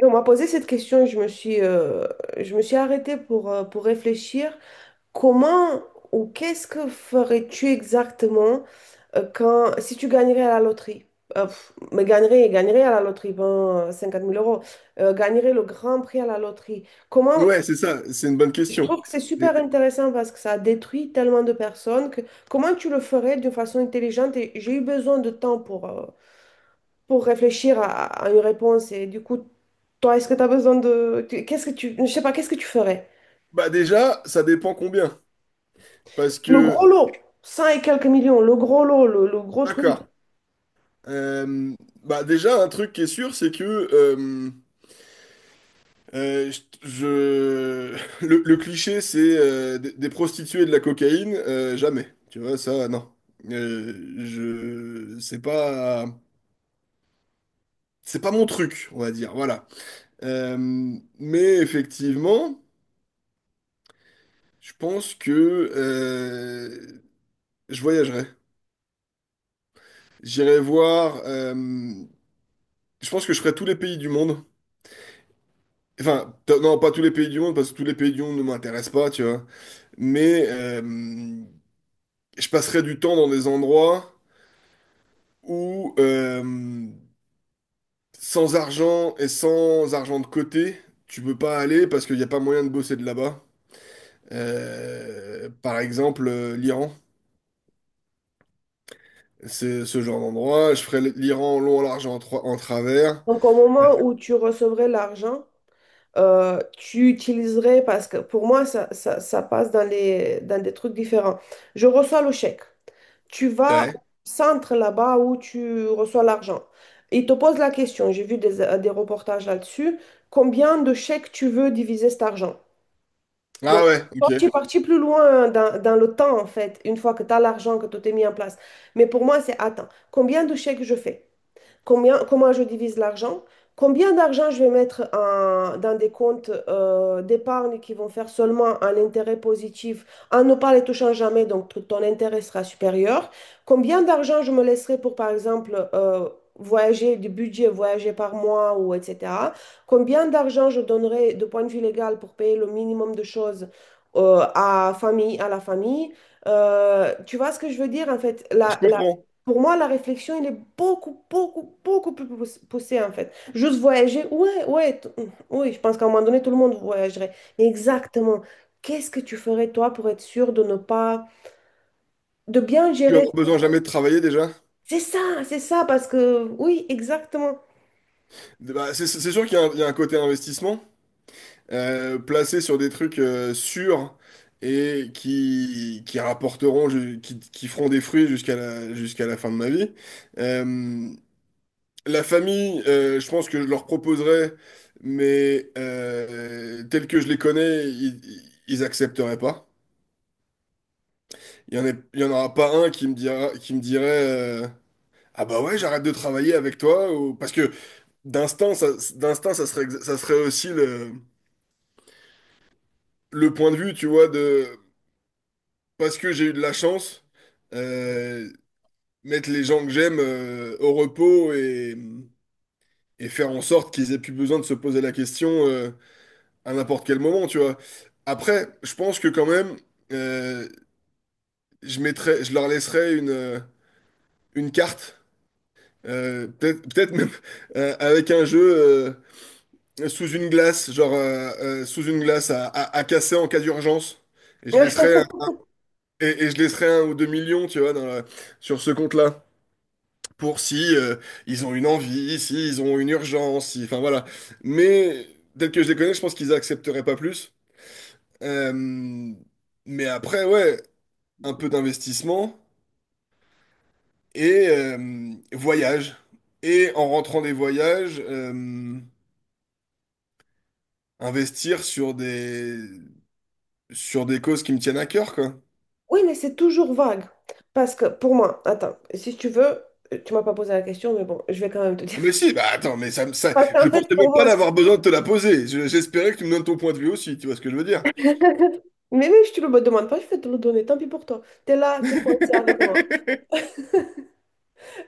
Et on m'a posé cette question et je me suis arrêtée pour réfléchir. Comment Ou qu'est-ce que ferais-tu exactement, quand, si tu gagnerais à la loterie? Mais gagnerais à la loterie, ben, 50 000 euros. Gagnerais le grand prix à la loterie. Ouais, c'est ça, c'est une bonne Je question. trouve que c'est Et- super intéressant parce que ça détruit tellement de personnes que comment tu le ferais d'une façon intelligente? Et j'ai eu besoin de temps pour réfléchir à une réponse. Et du coup, toi, est-ce que tu as besoin de… Qu'est-ce que tu… Je sais pas, qu'est-ce que tu ferais? Déjà, ça dépend combien. Parce Le gros que, lot, 100 et quelques millions, le gros lot, le gros truc. d'accord. Euh, Bah déjà, un truc qui est sûr, c'est que euh, euh, je, le cliché, c'est des prostituées et de la cocaïne, jamais. Tu vois, ça, non. Euh, je, c'est pas, c'est pas mon truc, on va dire. Voilà. Euh, mais effectivement, je pense que euh, je voyagerai. J'irai voir. Je pense que je ferai tous les pays du monde. Enfin, non, pas tous les pays du monde, parce que tous les pays du monde ne m'intéressent pas, tu vois. Mais je passerai du temps dans des endroits où sans argent et sans argent de côté, tu peux pas aller parce qu'il n'y a pas moyen de bosser de là-bas. Par exemple, l'Iran. C'est ce genre d'endroit. Je ferai l'Iran en long, en large, en travers. Donc, au moment où tu recevrais l'argent, tu utiliserais… Parce que pour moi, ça passe dans des trucs différents. Je reçois le chèque. Tu vas au Ouais. centre là-bas où tu reçois l'argent. Ils te posent la question, j'ai vu des reportages là-dessus, combien de chèques tu veux diviser cet argent? Donc, Ah ouais, toi, ok. tu es parti plus loin dans le temps, en fait, une fois que tu as l'argent, que tout est mis en place. Mais pour moi, c'est, attends, combien de chèques je fais? Comment je divise l'argent, combien d'argent je vais mettre dans des comptes d'épargne qui vont faire seulement un intérêt positif en ne pas les touchant jamais, donc ton intérêt sera supérieur. Combien d'argent je me laisserai pour, par exemple, voyager, du budget, voyager par mois ou etc. Combien d'argent je donnerai de point de vue légal pour payer le minimum de choses, à la famille. Tu vois ce que je veux dire? En fait, Je comprends. pour moi, la réflexion, elle est beaucoup, beaucoup, beaucoup plus poussée, en fait. Juste voyager, ouais, ouais, oui, je pense qu'à un moment donné, tout le monde voyagerait. Mais exactement, qu'est-ce que tu ferais, toi, pour être sûr de ne pas, de bien Tu vas gérer? avoir besoin jamais de travailler déjà. C'est ça, parce que, oui, exactement. Bah, c'est sûr qu'il y a un côté investissement placé sur des trucs sûrs et qui rapporteront, qui feront des fruits jusqu'à la fin de ma vie. Euh, la famille, je pense que je leur proposerais, mais tels que je les connais, ils accepteraient pas. Il y en aura pas un qui me dira, qui me dirait euh, ah bah ouais, j'arrête de travailler avec toi. Ou... Parce que d'instinct, ça, d'instinct, ça serait, ça serait aussi le. Le point de vue, tu vois, de parce que j'ai eu de la chance, euh, mettre les gens que j'aime au repos et faire en sorte qu'ils aient plus besoin de se poser la question à n'importe quel moment, tu vois. Après, je pense que quand même, euh, je mettrais, je leur laisserais une carte, peut-être même avec un jeu sous une glace, genre sous une glace à casser en cas d'urgence. Et je laisserais. Et je laisserai un ou deux millions, tu vois, sur ce compte-là, pour si ils ont une envie, si ils ont une urgence, si, enfin voilà. Mais tel que je les connais, je pense qu'ils accepteraient pas plus. Euh, mais après, ouais, un peu d'investissement et voyage. Et en rentrant des voyages, investir sur des causes qui me tiennent à cœur, quoi. Oui, mais c'est toujours vague. Parce que, pour moi, attends, si tu veux, tu m'as pas posé la question, mais bon, je vais quand même te dire. Ah, mais si, bah attends, mais ça, ça, Parce je qu'en fait, pensais pour même pas moi, d'avoir besoin de te la poser. J'espérais que tu me donnes ton point de vue aussi, tu vois ce que je veux dire? mais même si tu le me demandes pas, je vais te le donner, tant pis pour toi. T'es là, t'es coincé avec moi.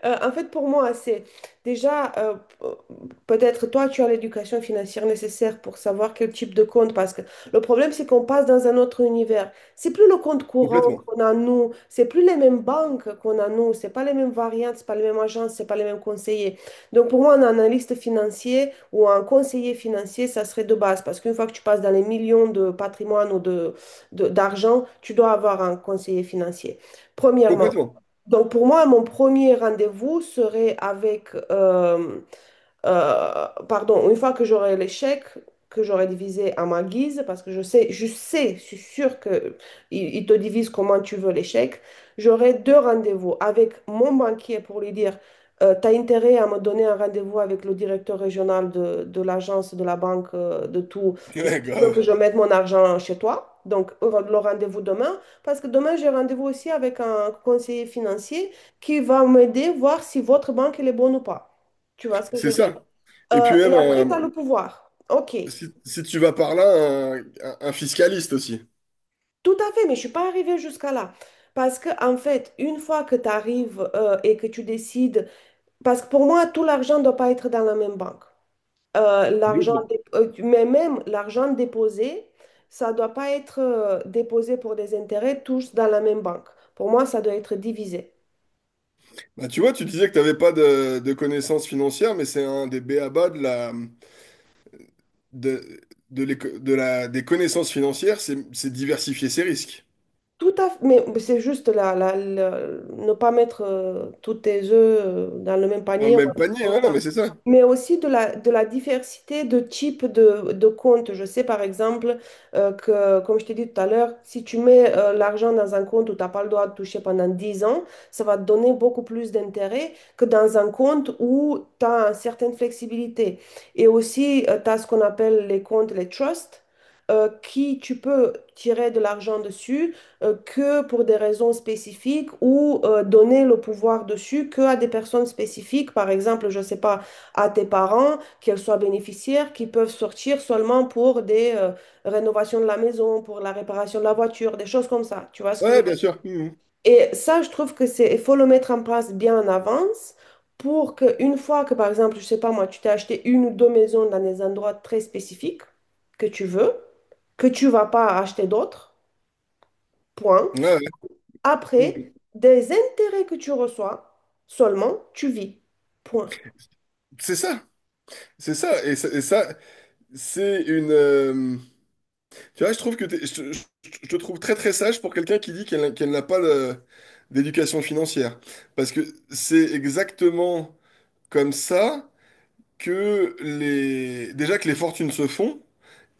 En fait, pour moi, c'est déjà, peut-être toi, tu as l'éducation financière nécessaire pour savoir quel type de compte, parce que le problème, c'est qu'on passe dans un autre univers. C'est plus le compte courant Complètement. qu'on a, nous, c'est plus les mêmes banques qu'on a, nous, c'est pas les mêmes variantes, c'est pas les mêmes agences, c'est pas les mêmes conseillers. Donc, pour moi, un analyste financier ou un conseiller financier, ça serait de base, parce qu'une fois que tu passes dans les millions de patrimoine ou d'argent, tu dois avoir un conseiller financier. Premièrement. Complètement. Donc pour moi, mon premier rendez-vous serait avec pardon, une fois que j'aurai l'échec que j'aurai divisé à ma guise, parce que je sais, je sais, je suis sûre que il ils te divise comment tu veux l'échec. J'aurai deux rendez-vous avec mon banquier pour lui dire, t'as intérêt à me donner un rendez-vous avec le directeur régional de l'agence, de la banque, de tout, si Ouais, tu veux que je grave. mette mon argent chez toi. Donc, le rendez-vous demain, parce que demain, j'ai rendez-vous aussi avec un conseiller financier qui va m'aider voir si votre banque elle est bonne ou pas. Tu vois ce que je C'est veux dire? ça. Et puis Et même, après, tu as le pouvoir. OK, si, si tu vas par là, un fiscaliste aussi. tout à fait, mais je suis pas arrivée jusqu'à là. Parce que, en fait, une fois que tu arrives, et que tu décides, parce que pour moi, tout l'argent ne doit pas être dans la même banque. L'argent, Complètement. Mais même l'argent déposé, ça ne doit pas être, déposé pour des intérêts tous dans la même banque. Pour moi, ça doit être divisé. Bah, tu vois, tu disais que tu n'avais pas de connaissances financières, mais c'est un des b.a.-ba de la, de, de la, des connaissances financières, c'est diversifier ses risques. Tout à fait, mais c'est juste ne pas mettre, tous tes œufs, dans le même Dans le panier ou même un truc panier, comme hein, non, ça. mais c'est ça. Mais aussi de la diversité de types de comptes. Je sais par exemple, que, comme je t'ai dit tout à l'heure, si tu mets, l'argent dans un compte où tu n'as pas le droit de toucher pendant 10 ans, ça va te donner beaucoup plus d'intérêt que dans un compte où tu as une certaine flexibilité. Et aussi, tu as ce qu'on appelle les comptes, les trusts, qui tu peux tirer de l'argent dessus, que pour des raisons spécifiques ou, donner le pouvoir dessus que à des personnes spécifiques, par exemple, je sais pas, à tes parents, qu'elles soient bénéficiaires, qui peuvent sortir seulement pour des, rénovations de la maison, pour la réparation de la voiture, des choses comme ça. Tu vois ce que je veux Ouais, bien dire? sûr. Mhm. Et ça, je trouve que c'est, il faut le mettre en place bien en avance. Pour qu'une fois que, par exemple, je sais pas moi, tu t'es acheté une ou deux maisons dans des endroits très spécifiques que tu veux, que tu vas pas acheter d'autres, point, Ouais, ouais. après, Mhm. des intérêts que tu reçois, seulement tu vis. Point. C'est ça. C'est ça, et ça, et ça, c'est une. Tu vois, je trouve que je te trouve très très sage pour quelqu'un qui dit qu'elle n'a pas d'éducation financière. Parce que c'est exactement comme ça que les. Déjà que les fortunes se font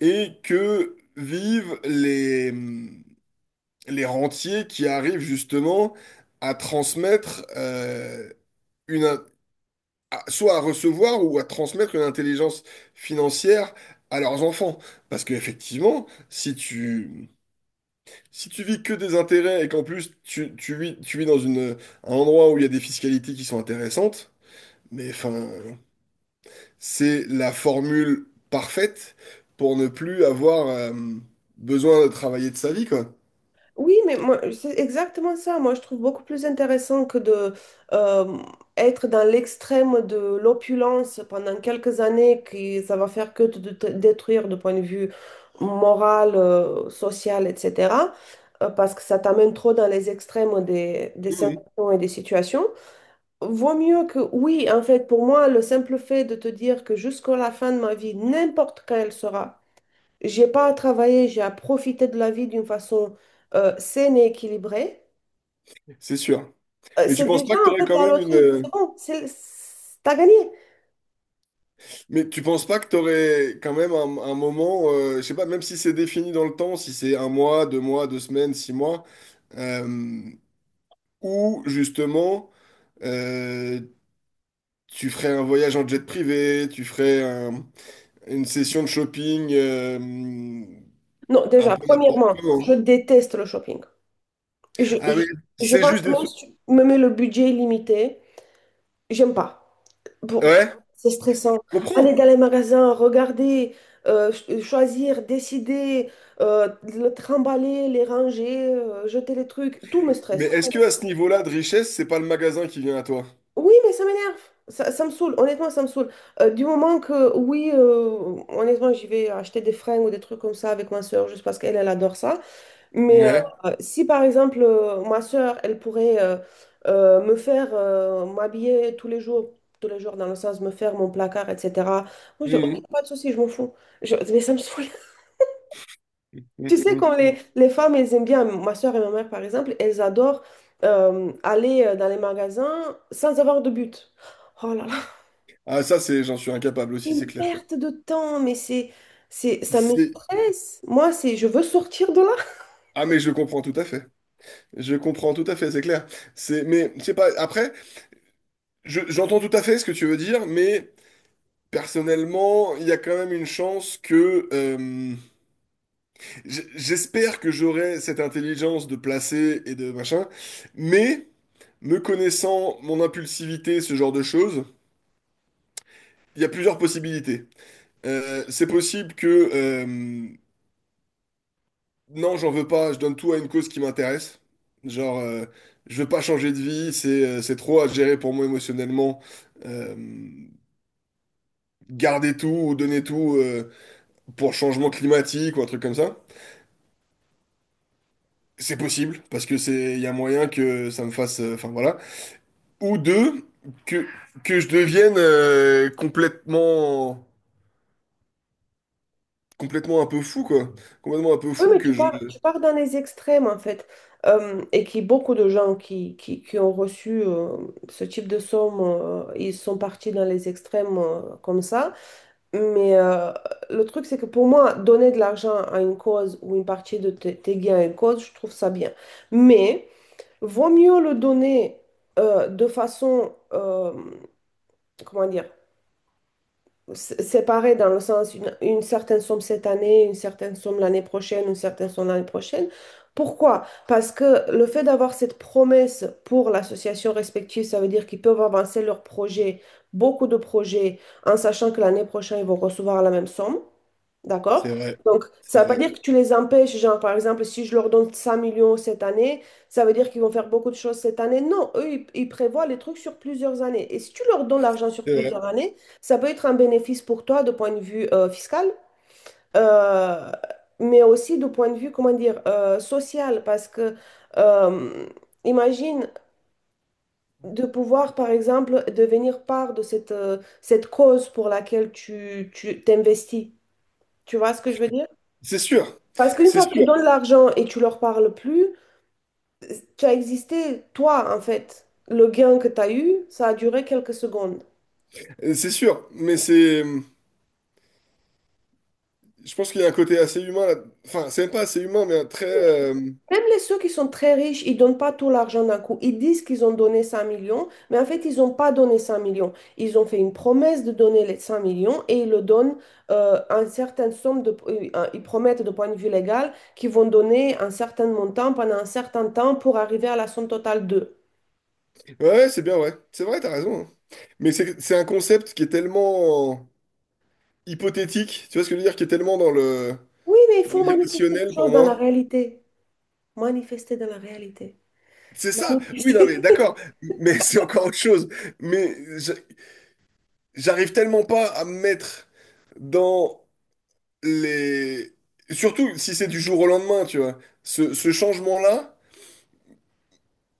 et que vivent les rentiers qui arrivent justement à transmettre une, soit à recevoir ou à transmettre une intelligence financière à leurs enfants. Parce qu'effectivement, si tu, si tu vis que des intérêts et qu'en plus tu, tu vis dans une, un endroit où il y a des fiscalités qui sont intéressantes, mais enfin, c'est la formule parfaite pour ne plus avoir besoin de travailler de sa vie, quoi. Oui, mais moi, c'est exactement ça. Moi, je trouve beaucoup plus intéressant que de, euh, être dans l'extrême de l'opulence pendant quelques années, qui ça va faire que de te détruire de point de vue moral, social, etc. Parce que ça t'amène trop dans les extrêmes des Mhm. sensations et des situations. Vaut mieux que oui, en fait, pour moi, le simple fait de te dire que jusqu'à la fin de ma vie, n'importe quand elle sera, j'ai pas à travailler, j'ai à profiter de la vie d'une façon, saine et équilibrée, C'est sûr. Mais tu c'est penses déjà pas que tu en aurais fait quand la même loterie, c'est bon, t'as gagné. mais tu penses pas que t'aurais quand même un moment, je sais pas, même si c'est défini dans le temps, si c'est un mois, deux semaines, six mois, euh, où justement euh, tu ferais un voyage en jet privé, une session de shopping Non, un déjà, peu n'importe premièrement, comment. je déteste le shopping. Je, Ah je, oui, je c'est pense juste que des... même sou- si tu me mets le budget limité, j'aime pas. Bon, ouais, c'est stressant. je Aller comprends. dans les magasins, regarder, choisir, décider, le trimballer, les ranger, jeter les trucs, tout me Mais stresse. Tout est-ce que à ce niveau-là de richesse, c'est pas le magasin qui vient à toi? Oui, mais ça m'énerve. Ça me saoule. Honnêtement, ça me saoule. Du moment que, oui, honnêtement, j'y vais acheter des fringues ou des trucs comme ça avec ma soeur juste parce qu'elle, elle adore ça. Mais Ouais. si par exemple, ma sœur, elle pourrait, me faire, m'habiller tous les jours dans le sens me faire mon placard, etc. Moi je dis ok, Mhm. pas de souci, je m'en fous. Mais ça me saoule. Tu sais, comme Mhm. les femmes, elles aiment bien, ma sœur et ma mère par exemple, elles adorent, aller, dans les magasins sans avoir de but. Oh là là, Ah ça, c'est, j'en suis incapable aussi, c'est une clair. perte de temps, mais ça me C'est- stresse. Moi, je veux sortir de là. Ah mais je comprends tout à fait. Je comprends tout à fait, c'est clair. C'est mais je sais pas après j'entends tout à fait ce que tu veux dire mais personnellement, il y a quand même une chance que j'espère que j'aurai cette intelligence de placer et de machin mais me connaissant mon impulsivité, ce genre de choses, il y a plusieurs possibilités. C'est possible que non, j'en veux pas. Je donne tout à une cause qui m'intéresse. Genre, je veux pas changer de vie. C'est trop à gérer pour moi émotionnellement. Euh, Garder tout ou donner tout pour changement climatique ou un truc comme ça. C'est possible parce que c'est il y a moyen que ça me fasse. Enfin voilà. Ou deux, que que je devienne complètement un peu fou quoi. Complètement un peu Oui, fou mais que tu je. pars, tu pars dans les extrêmes, en fait. Et qui beaucoup de gens qui ont reçu, ce type de somme, ils sont partis dans les extrêmes, comme ça. Mais le truc, c'est que pour moi, donner de l'argent à une cause ou une partie de tes gains à une cause, je trouve ça bien. Mais vaut mieux le donner, de façon, comment dire, séparés dans le sens une certaine somme cette année, une certaine somme l'année prochaine, une certaine somme l'année prochaine. Pourquoi? Parce que le fait d'avoir cette promesse pour l'association respective, ça veut dire qu'ils peuvent avancer leurs projets, beaucoup de projets, en sachant que l'année prochaine, ils vont recevoir la même somme. C'est D'accord? vrai. Donc, C'est ça ne veut pas vrai. dire que tu les empêches, genre, par exemple, si je leur donne 100 millions cette année, ça veut dire qu'ils vont faire beaucoup de choses cette année. Non, eux, ils prévoient les trucs sur plusieurs années. Et si tu leur donnes l'argent sur C'est vrai. plusieurs années, ça peut être un bénéfice pour toi de point de vue, fiscal, euh, mais aussi de point de vue, comment dire, social, parce que, euh, imagine de pouvoir, par exemple, devenir part de cette cause pour laquelle tu t'investis. Tu vois ce que je veux dire? C'est sûr. Parce qu'une C'est fois que tu sûr. donnes l'argent et tu leur parles plus, tu as existé toi en fait. Le gain que tu as eu, ça a duré quelques secondes. C'est sûr. Mais c'est je pense qu'il y a un côté assez humain là. Enfin, c'est même pas assez humain, mais un très. Même les ceux qui sont très riches, ils donnent pas tout l'argent d'un coup. Ils disent qu'ils ont donné 5 millions, mais en fait, ils n'ont pas donné 5 millions. Ils ont fait une promesse de donner les 5 millions et ils le donnent, une certaine somme, ils promettent de point de vue légal qu'ils vont donner un certain montant pendant un certain temps pour arriver à la somme totale de. Ouais, ouais, c'est bien, ouais. C'est vrai, t'as raison, hein. Mais c'est un concept qui est tellement hypothétique, tu vois ce que je veux dire, qui est tellement dans le Oui, mais il dans faut manifester les l'irrationnel pour choses dans la moi. réalité. Manifester dans la réalité. C'est ça. Oui, non, mais Manifester. d'accord. Mais c'est encore autre chose. Mais j'arrive tellement pas à me mettre dans les. Surtout si c'est du jour au lendemain, tu vois. Ce changement-là.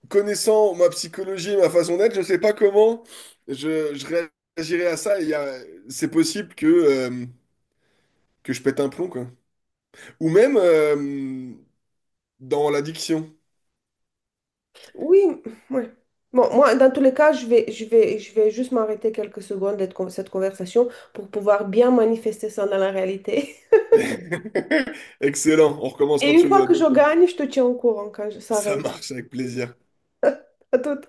Connaissant ma psychologie et ma façon d'être, je sais pas comment je réagirais à ça. C'est possible que je pète un plomb, quoi. Ou même dans l'addiction. Oui, ouais. Bon, moi, dans tous les cas, je vais juste m'arrêter quelques secondes de cette conversation pour pouvoir bien manifester ça dans la réalité. Excellent, on recommence Et quand une tu fois veux, à que je bientôt. gagne, je te tiens au courant quand ça Ça arrive. marche avec plaisir. À tout.